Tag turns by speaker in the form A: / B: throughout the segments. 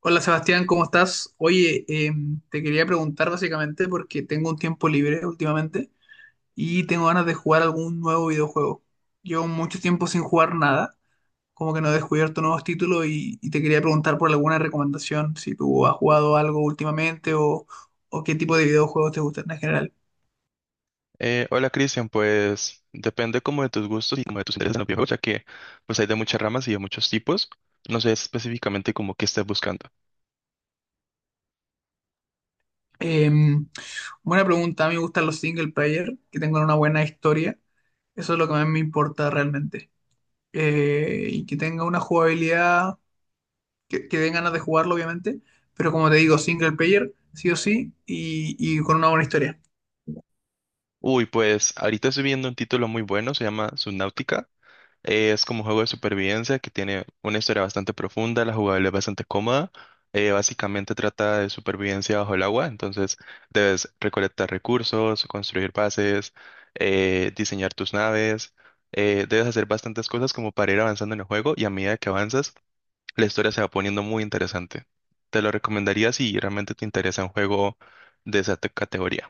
A: Hola Sebastián, ¿cómo estás? Oye, te quería preguntar básicamente porque tengo un tiempo libre últimamente y tengo ganas de jugar algún nuevo videojuego. Llevo mucho tiempo sin jugar nada, como que no he descubierto nuevos títulos y te quería preguntar por alguna recomendación, si tú has jugado algo últimamente o qué tipo de videojuegos te gustan en general.
B: Hola Cristian, pues depende como de tus gustos y como de tus intereses en los videojuegos, ya que pues hay de muchas ramas y de muchos tipos. No sé específicamente como qué estás buscando.
A: Eh, Buena pregunta, a mí me gustan los single player, que tengan una buena historia, eso es lo que más me importa realmente. Y que tenga una jugabilidad que den ganas de jugarlo, obviamente. Pero como te digo, single player, sí o sí, y con una buena historia.
B: Uy, pues ahorita estoy viendo un título muy bueno, se llama Subnautica. Es como un juego de supervivencia que tiene una historia bastante profunda, la jugabilidad es bastante cómoda. Básicamente trata de supervivencia bajo el agua, entonces debes recolectar recursos, construir bases, diseñar tus naves, debes hacer bastantes cosas como para ir avanzando en el juego y a medida que avanzas, la historia se va poniendo muy interesante. Te lo recomendaría si realmente te interesa un juego de esa categoría.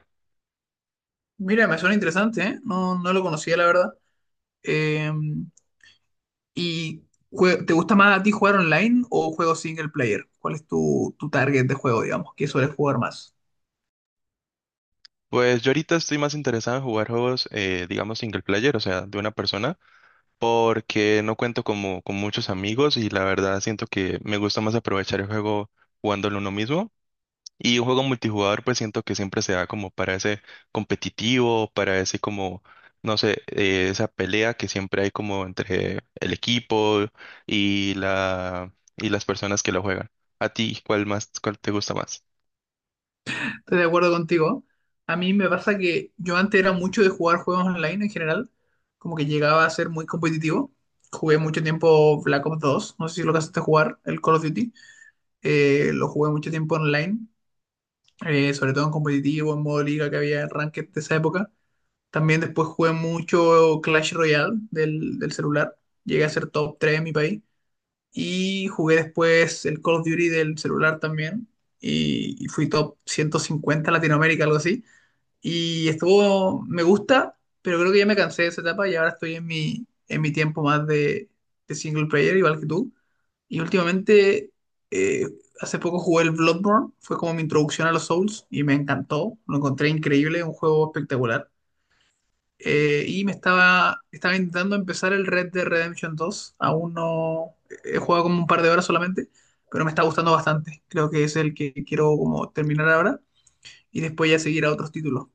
A: Mira, me suena interesante, ¿eh? No, no lo conocía, la verdad. Eh, ¿Y te gusta más a ti jugar online o juegos single player? ¿Cuál es tu target de juego, digamos, que sueles jugar más?
B: Pues yo ahorita estoy más interesado en jugar juegos, digamos, single player, o sea, de una persona. Porque no cuento como con muchos amigos y la verdad siento que me gusta más aprovechar el juego jugándolo uno mismo. Y un juego multijugador pues siento que siempre se da como para ese competitivo, para ese como, no sé, esa pelea que siempre hay como entre el equipo y la y las personas que lo juegan. ¿A ti cuál más, cuál te gusta más?
A: Estoy de acuerdo contigo. A mí me pasa que yo antes era mucho de jugar juegos online en general, como que llegaba a ser muy competitivo. Jugué mucho tiempo Black Ops dos, no sé si lo alcanzaste a jugar, el Call of Duty. Lo jugué mucho tiempo online, sobre todo en competitivo, en modo liga que había en ranked de esa época. También después jugué mucho Clash Royale del celular, llegué a ser top 3 en mi país. Y jugué después el Call of Duty del celular también, y fui top 150 en Latinoamérica, algo así. Y estuvo, me gusta, pero creo que ya me cansé de esa etapa y ahora estoy en mi tiempo más de single player, igual que tú. Y últimamente, eh, hace poco jugué el Bloodborne, fue como mi introducción a los Souls y me encantó, lo encontré increíble, un juego espectacular. Y me estaba intentando empezar el Red Dead Redemption dos. Aún no he jugado como un par de horas solamente, pero me está gustando bastante. Creo que es el que quiero como terminar ahora y después ya seguir a otros títulos.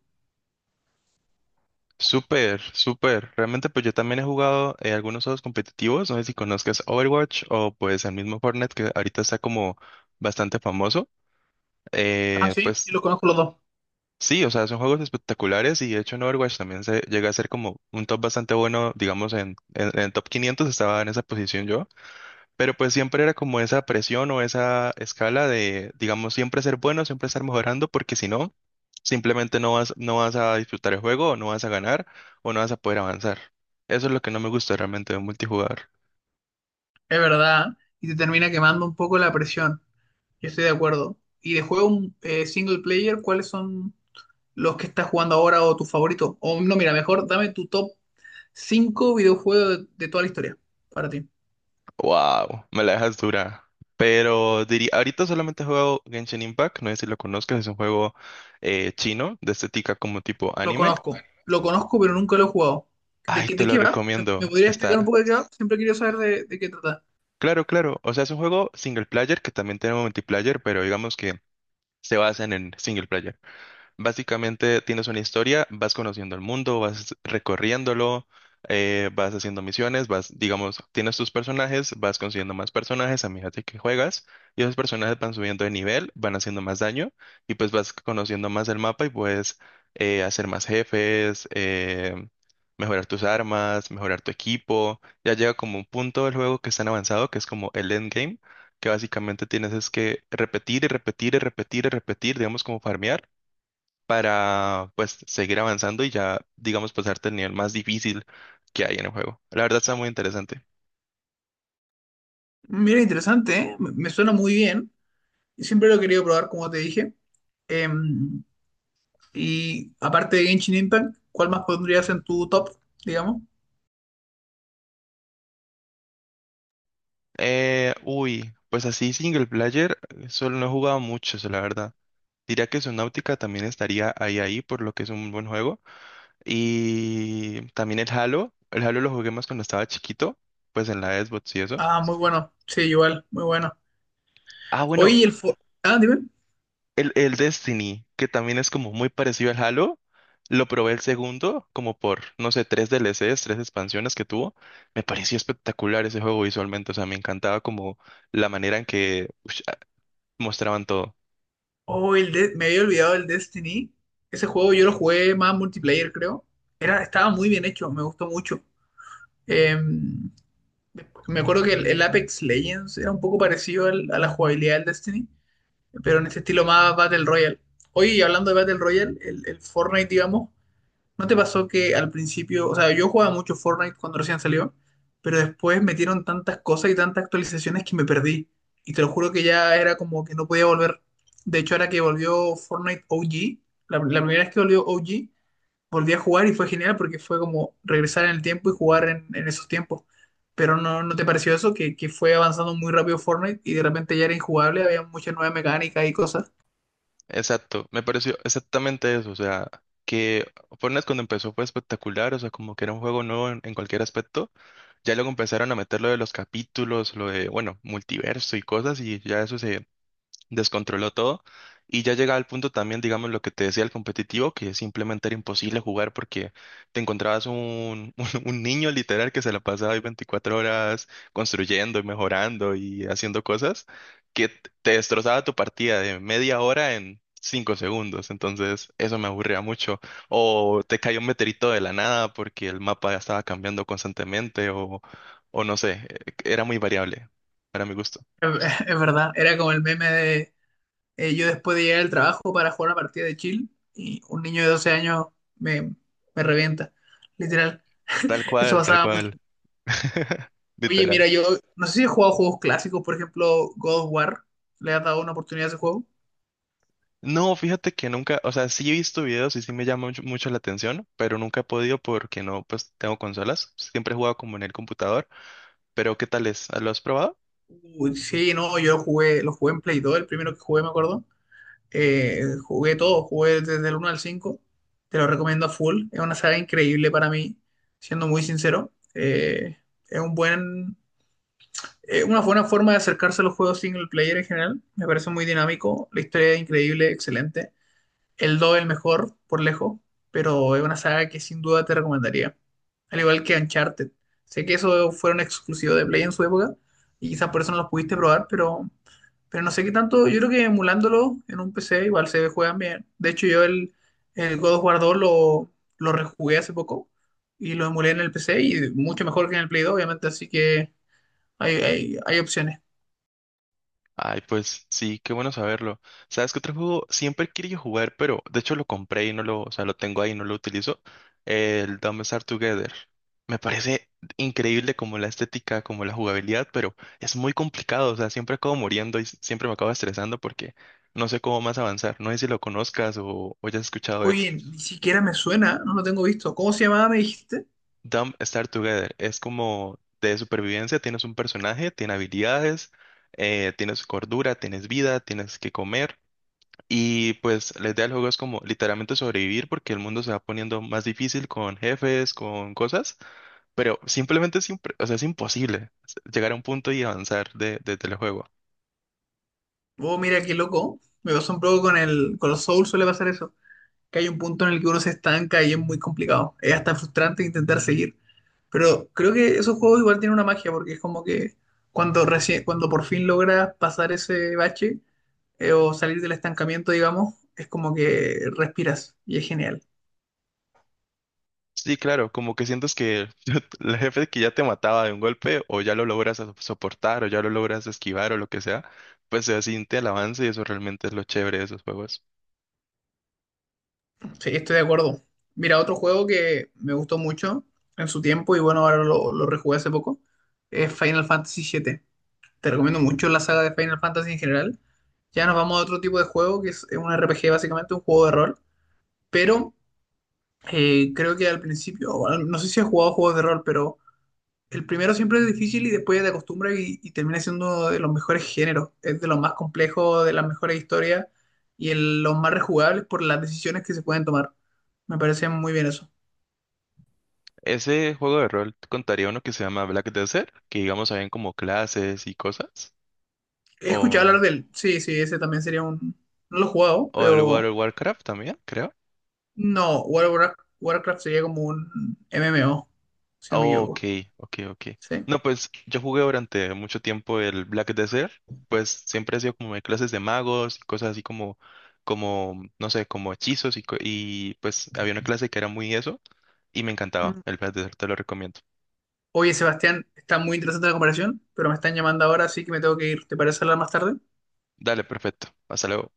B: Súper, súper. Realmente pues yo también he jugado algunos juegos competitivos, no sé si conozcas Overwatch o pues el mismo Fortnite que ahorita está como bastante famoso.
A: Ah,
B: Eh,
A: sí,
B: pues
A: yo los conozco los dos.
B: sí, o sea, son juegos espectaculares y de hecho en Overwatch también se llega a ser como un top bastante bueno, digamos en, en el top 500 estaba en esa posición yo. Pero pues siempre era como esa presión o esa escala de, digamos, siempre ser bueno, siempre estar mejorando, porque si no, simplemente no vas a disfrutar el juego, o no vas a ganar, o no vas a poder avanzar. Eso es lo que no me gusta realmente de un multijugador.
A: Es verdad. Y te termina quemando un poco la presión. Yo estoy de acuerdo. Y de juego single player, ¿cuáles son los que estás jugando ahora o tu favorito? O no, mira, mejor dame tu top 5 videojuegos de toda la historia para ti.
B: Wow, me la dejas dura. Pero diría, ahorita solamente he jugado Genshin Impact, no sé si lo conozcas, es un juego chino de estética como tipo
A: Lo
B: anime.
A: conozco, lo conozco, pero nunca lo he jugado. ¿De
B: Ay,
A: qué,
B: te
A: de
B: lo
A: qué va?
B: recomiendo.
A: ¿Me podrías explicar un
B: Está.
A: poco de qué va? Siempre he querido saber de qué trata.
B: Claro, claro. O sea, es un juego single player que también tiene multiplayer, pero digamos que se basan en single player. Básicamente tienes una historia, vas conociendo el mundo, vas recorriéndolo, vas haciendo misiones, vas, digamos, tienes tus personajes, vas consiguiendo más personajes a medida de que juegas y esos personajes van subiendo de nivel, van haciendo más daño y pues vas conociendo más el mapa y puedes hacer más jefes, mejorar tus armas, mejorar tu equipo. Ya llega como un punto del juego que es tan avanzado que es como el endgame, que básicamente tienes es que repetir y repetir y repetir y repetir, digamos como farmear para pues seguir avanzando y ya, digamos, pasarte el nivel más difícil que hay en el juego. La verdad está muy interesante.
A: Mira, interesante, ¿eh? Me suena muy bien. Siempre lo he querido probar, como te dije. Eh, Y aparte de Genshin Impact, ¿cuál más pondrías en tu top, digamos?
B: Pues así single player, solo no he jugado mucho, eso, la verdad. Diría que Subnautica también estaría ahí, por lo que es un buen juego. Y también el Halo lo jugué más cuando estaba chiquito, pues en la Xbox y eso.
A: Ah, muy bueno. Sí, igual, muy bueno.
B: Ah, bueno.
A: Oye, ah, dime.
B: El Destiny, que también es como muy parecido al Halo, lo probé el segundo, como por, no sé, tres DLCs, tres expansiones que tuvo. Me pareció espectacular ese juego visualmente, o sea, me encantaba como la manera en que mostraban todo.
A: Oh, me había olvidado el Destiny. Ese juego yo lo jugué más multiplayer, creo. Era, estaba muy bien hecho, me gustó mucho. Eh, Me acuerdo que el Apex Legends era un poco parecido a la jugabilidad del Destiny, pero en ese estilo más Battle Royale. Oye, y hablando de Battle Royale, el Fortnite, digamos, ¿no te pasó que al principio, o sea, yo jugaba mucho Fortnite cuando recién salió, pero después metieron tantas cosas y tantas actualizaciones que me perdí? Y te lo juro que ya era como que no podía volver. De hecho, ahora que volvió Fortnite OG, la primera vez que volvió OG, volví a jugar y fue genial porque fue como regresar en el tiempo y jugar en esos tiempos. Pero no, ¿no te pareció eso? Que fue avanzando muy rápido Fortnite y de repente ya era injugable, había muchas nuevas mecánicas y cosas.
B: Exacto, me pareció exactamente eso, o sea, que Fortnite cuando empezó fue espectacular, o sea, como que era un juego nuevo en, cualquier aspecto. Ya luego empezaron a meter lo de los capítulos, lo de, bueno, multiverso y cosas, y ya eso se descontroló todo y ya llegaba al punto también, digamos, lo que te decía el competitivo, que simplemente era imposible jugar porque te encontrabas un niño literal que se la pasaba ahí 24 horas construyendo y mejorando y haciendo cosas que te destrozaba tu partida de media hora en cinco segundos, entonces eso me aburría mucho. O te cayó un meteorito de la nada porque el mapa ya estaba cambiando constantemente, o no sé, era muy variable para mi gusto.
A: Es verdad, era como el meme de yo después de llegar al trabajo para jugar una partida de chill y un niño de 12 años me, me revienta, literal.
B: Tal
A: Eso
B: cual, tal
A: pasaba mucho.
B: cual.
A: Oye, mira,
B: Literal.
A: yo no sé si he jugado juegos clásicos, por ejemplo, God of War. ¿Le has dado una oportunidad a ese juego?
B: No, fíjate que nunca, o sea, sí he visto videos y sí me llama mucho, mucho la atención, pero nunca he podido porque no, pues tengo consolas. Siempre he jugado como en el computador, pero ¿qué tal es? ¿Lo has probado?
A: Uy, sí, no, yo lo jugué en Play 2, el primero que jugué, me acuerdo. Jugué todo, jugué desde el uno al cinco. Te lo recomiendo a full. Es una saga increíble para mí, siendo muy sincero. Es un buen Una buena forma de acercarse a los juegos single player en general. Me parece muy dinámico. La historia es increíble, excelente. El 2 es el mejor, por lejos, pero es una saga que sin duda te recomendaría. Al igual que Uncharted. Sé que eso fue un exclusivo de Play en su época y quizás por eso no los pudiste probar, pero, no sé qué tanto. Yo creo que emulándolo en un PC igual se juegan bien. De hecho, yo el God of War 2 lo rejugué hace poco y lo emulé en el PC y mucho mejor que en el Play 2, obviamente. Así que hay opciones.
B: Ay, pues sí, qué bueno saberlo. ¿Sabes qué otro juego siempre he querido jugar, pero de hecho lo compré y no lo, o sea, lo tengo ahí y no lo utilizo? El Dumb and Star Together. Me parece increíble como la estética, como la jugabilidad, pero es muy complicado, o sea, siempre acabo muriendo y siempre me acabo estresando porque no sé cómo más avanzar. No sé si lo conozcas o ya has escuchado de él.
A: Oye, ni siquiera me suena, no lo tengo visto. ¿Cómo se llamaba, me dijiste?
B: Dumb Star Together es como de supervivencia, tienes un personaje, tiene habilidades, tienes cordura, tienes vida, tienes que comer. Y pues la idea del juego es como literalmente sobrevivir porque el mundo se va poniendo más difícil con jefes, con cosas, pero simplemente es, o sea, es imposible llegar a un punto y avanzar desde el juego.
A: Oh, mira qué loco. Me pasó un poco con con los Souls, suele pasar eso. Que hay un punto en el que uno se estanca y es muy complicado. Es hasta frustrante intentar seguir. Pero creo que esos juegos igual tienen una magia, porque es como que cuando por fin logras pasar ese bache, o salir del estancamiento, digamos, es como que respiras y es genial.
B: Sí, claro, como que sientes que el jefe que ya te mataba de un golpe o ya lo logras soportar o ya lo logras esquivar o lo que sea, pues se siente el avance y eso realmente es lo chévere de esos juegos.
A: Sí, estoy de acuerdo. Mira, otro juego que me gustó mucho en su tiempo y bueno, ahora lo rejugué hace poco, es Final Fantasy VII. Te recomiendo mucho la saga de Final Fantasy en general. Ya nos vamos a otro tipo de juego que es un RPG básicamente, un juego de rol, pero creo que al principio, no sé si has jugado juegos de rol, pero el primero siempre es difícil y después ya te acostumbras y termina siendo uno de los mejores géneros, es de los más complejos, de las mejores historias y los más rejugables por las decisiones que se pueden tomar. Me parece muy bien eso.
B: Ese juego de rol contaría uno que se llama Black Desert, que digamos habían como clases y cosas.
A: He escuchado
B: O
A: hablar de él. Sí, sí, ese también sería un... No lo he jugado,
B: O el
A: pero...
B: World of Warcraft también, creo.
A: No, World of Warcraft, Warcraft sería como un MMO, si no me
B: Oh, ok,
A: equivoco.
B: ok, ok.
A: Sí.
B: No, pues yo jugué durante mucho tiempo el Black Desert, pues siempre he sido como de clases de magos y cosas así como, como, no sé, como hechizos y pues había una clase que era muy eso y me encantaba.
A: Mm.
B: El Black Desert te lo recomiendo.
A: Oye, Sebastián, está muy interesante la comparación, pero me están llamando ahora, así que me tengo que ir. ¿Te parece hablar más tarde?
B: Dale, perfecto. Hasta luego.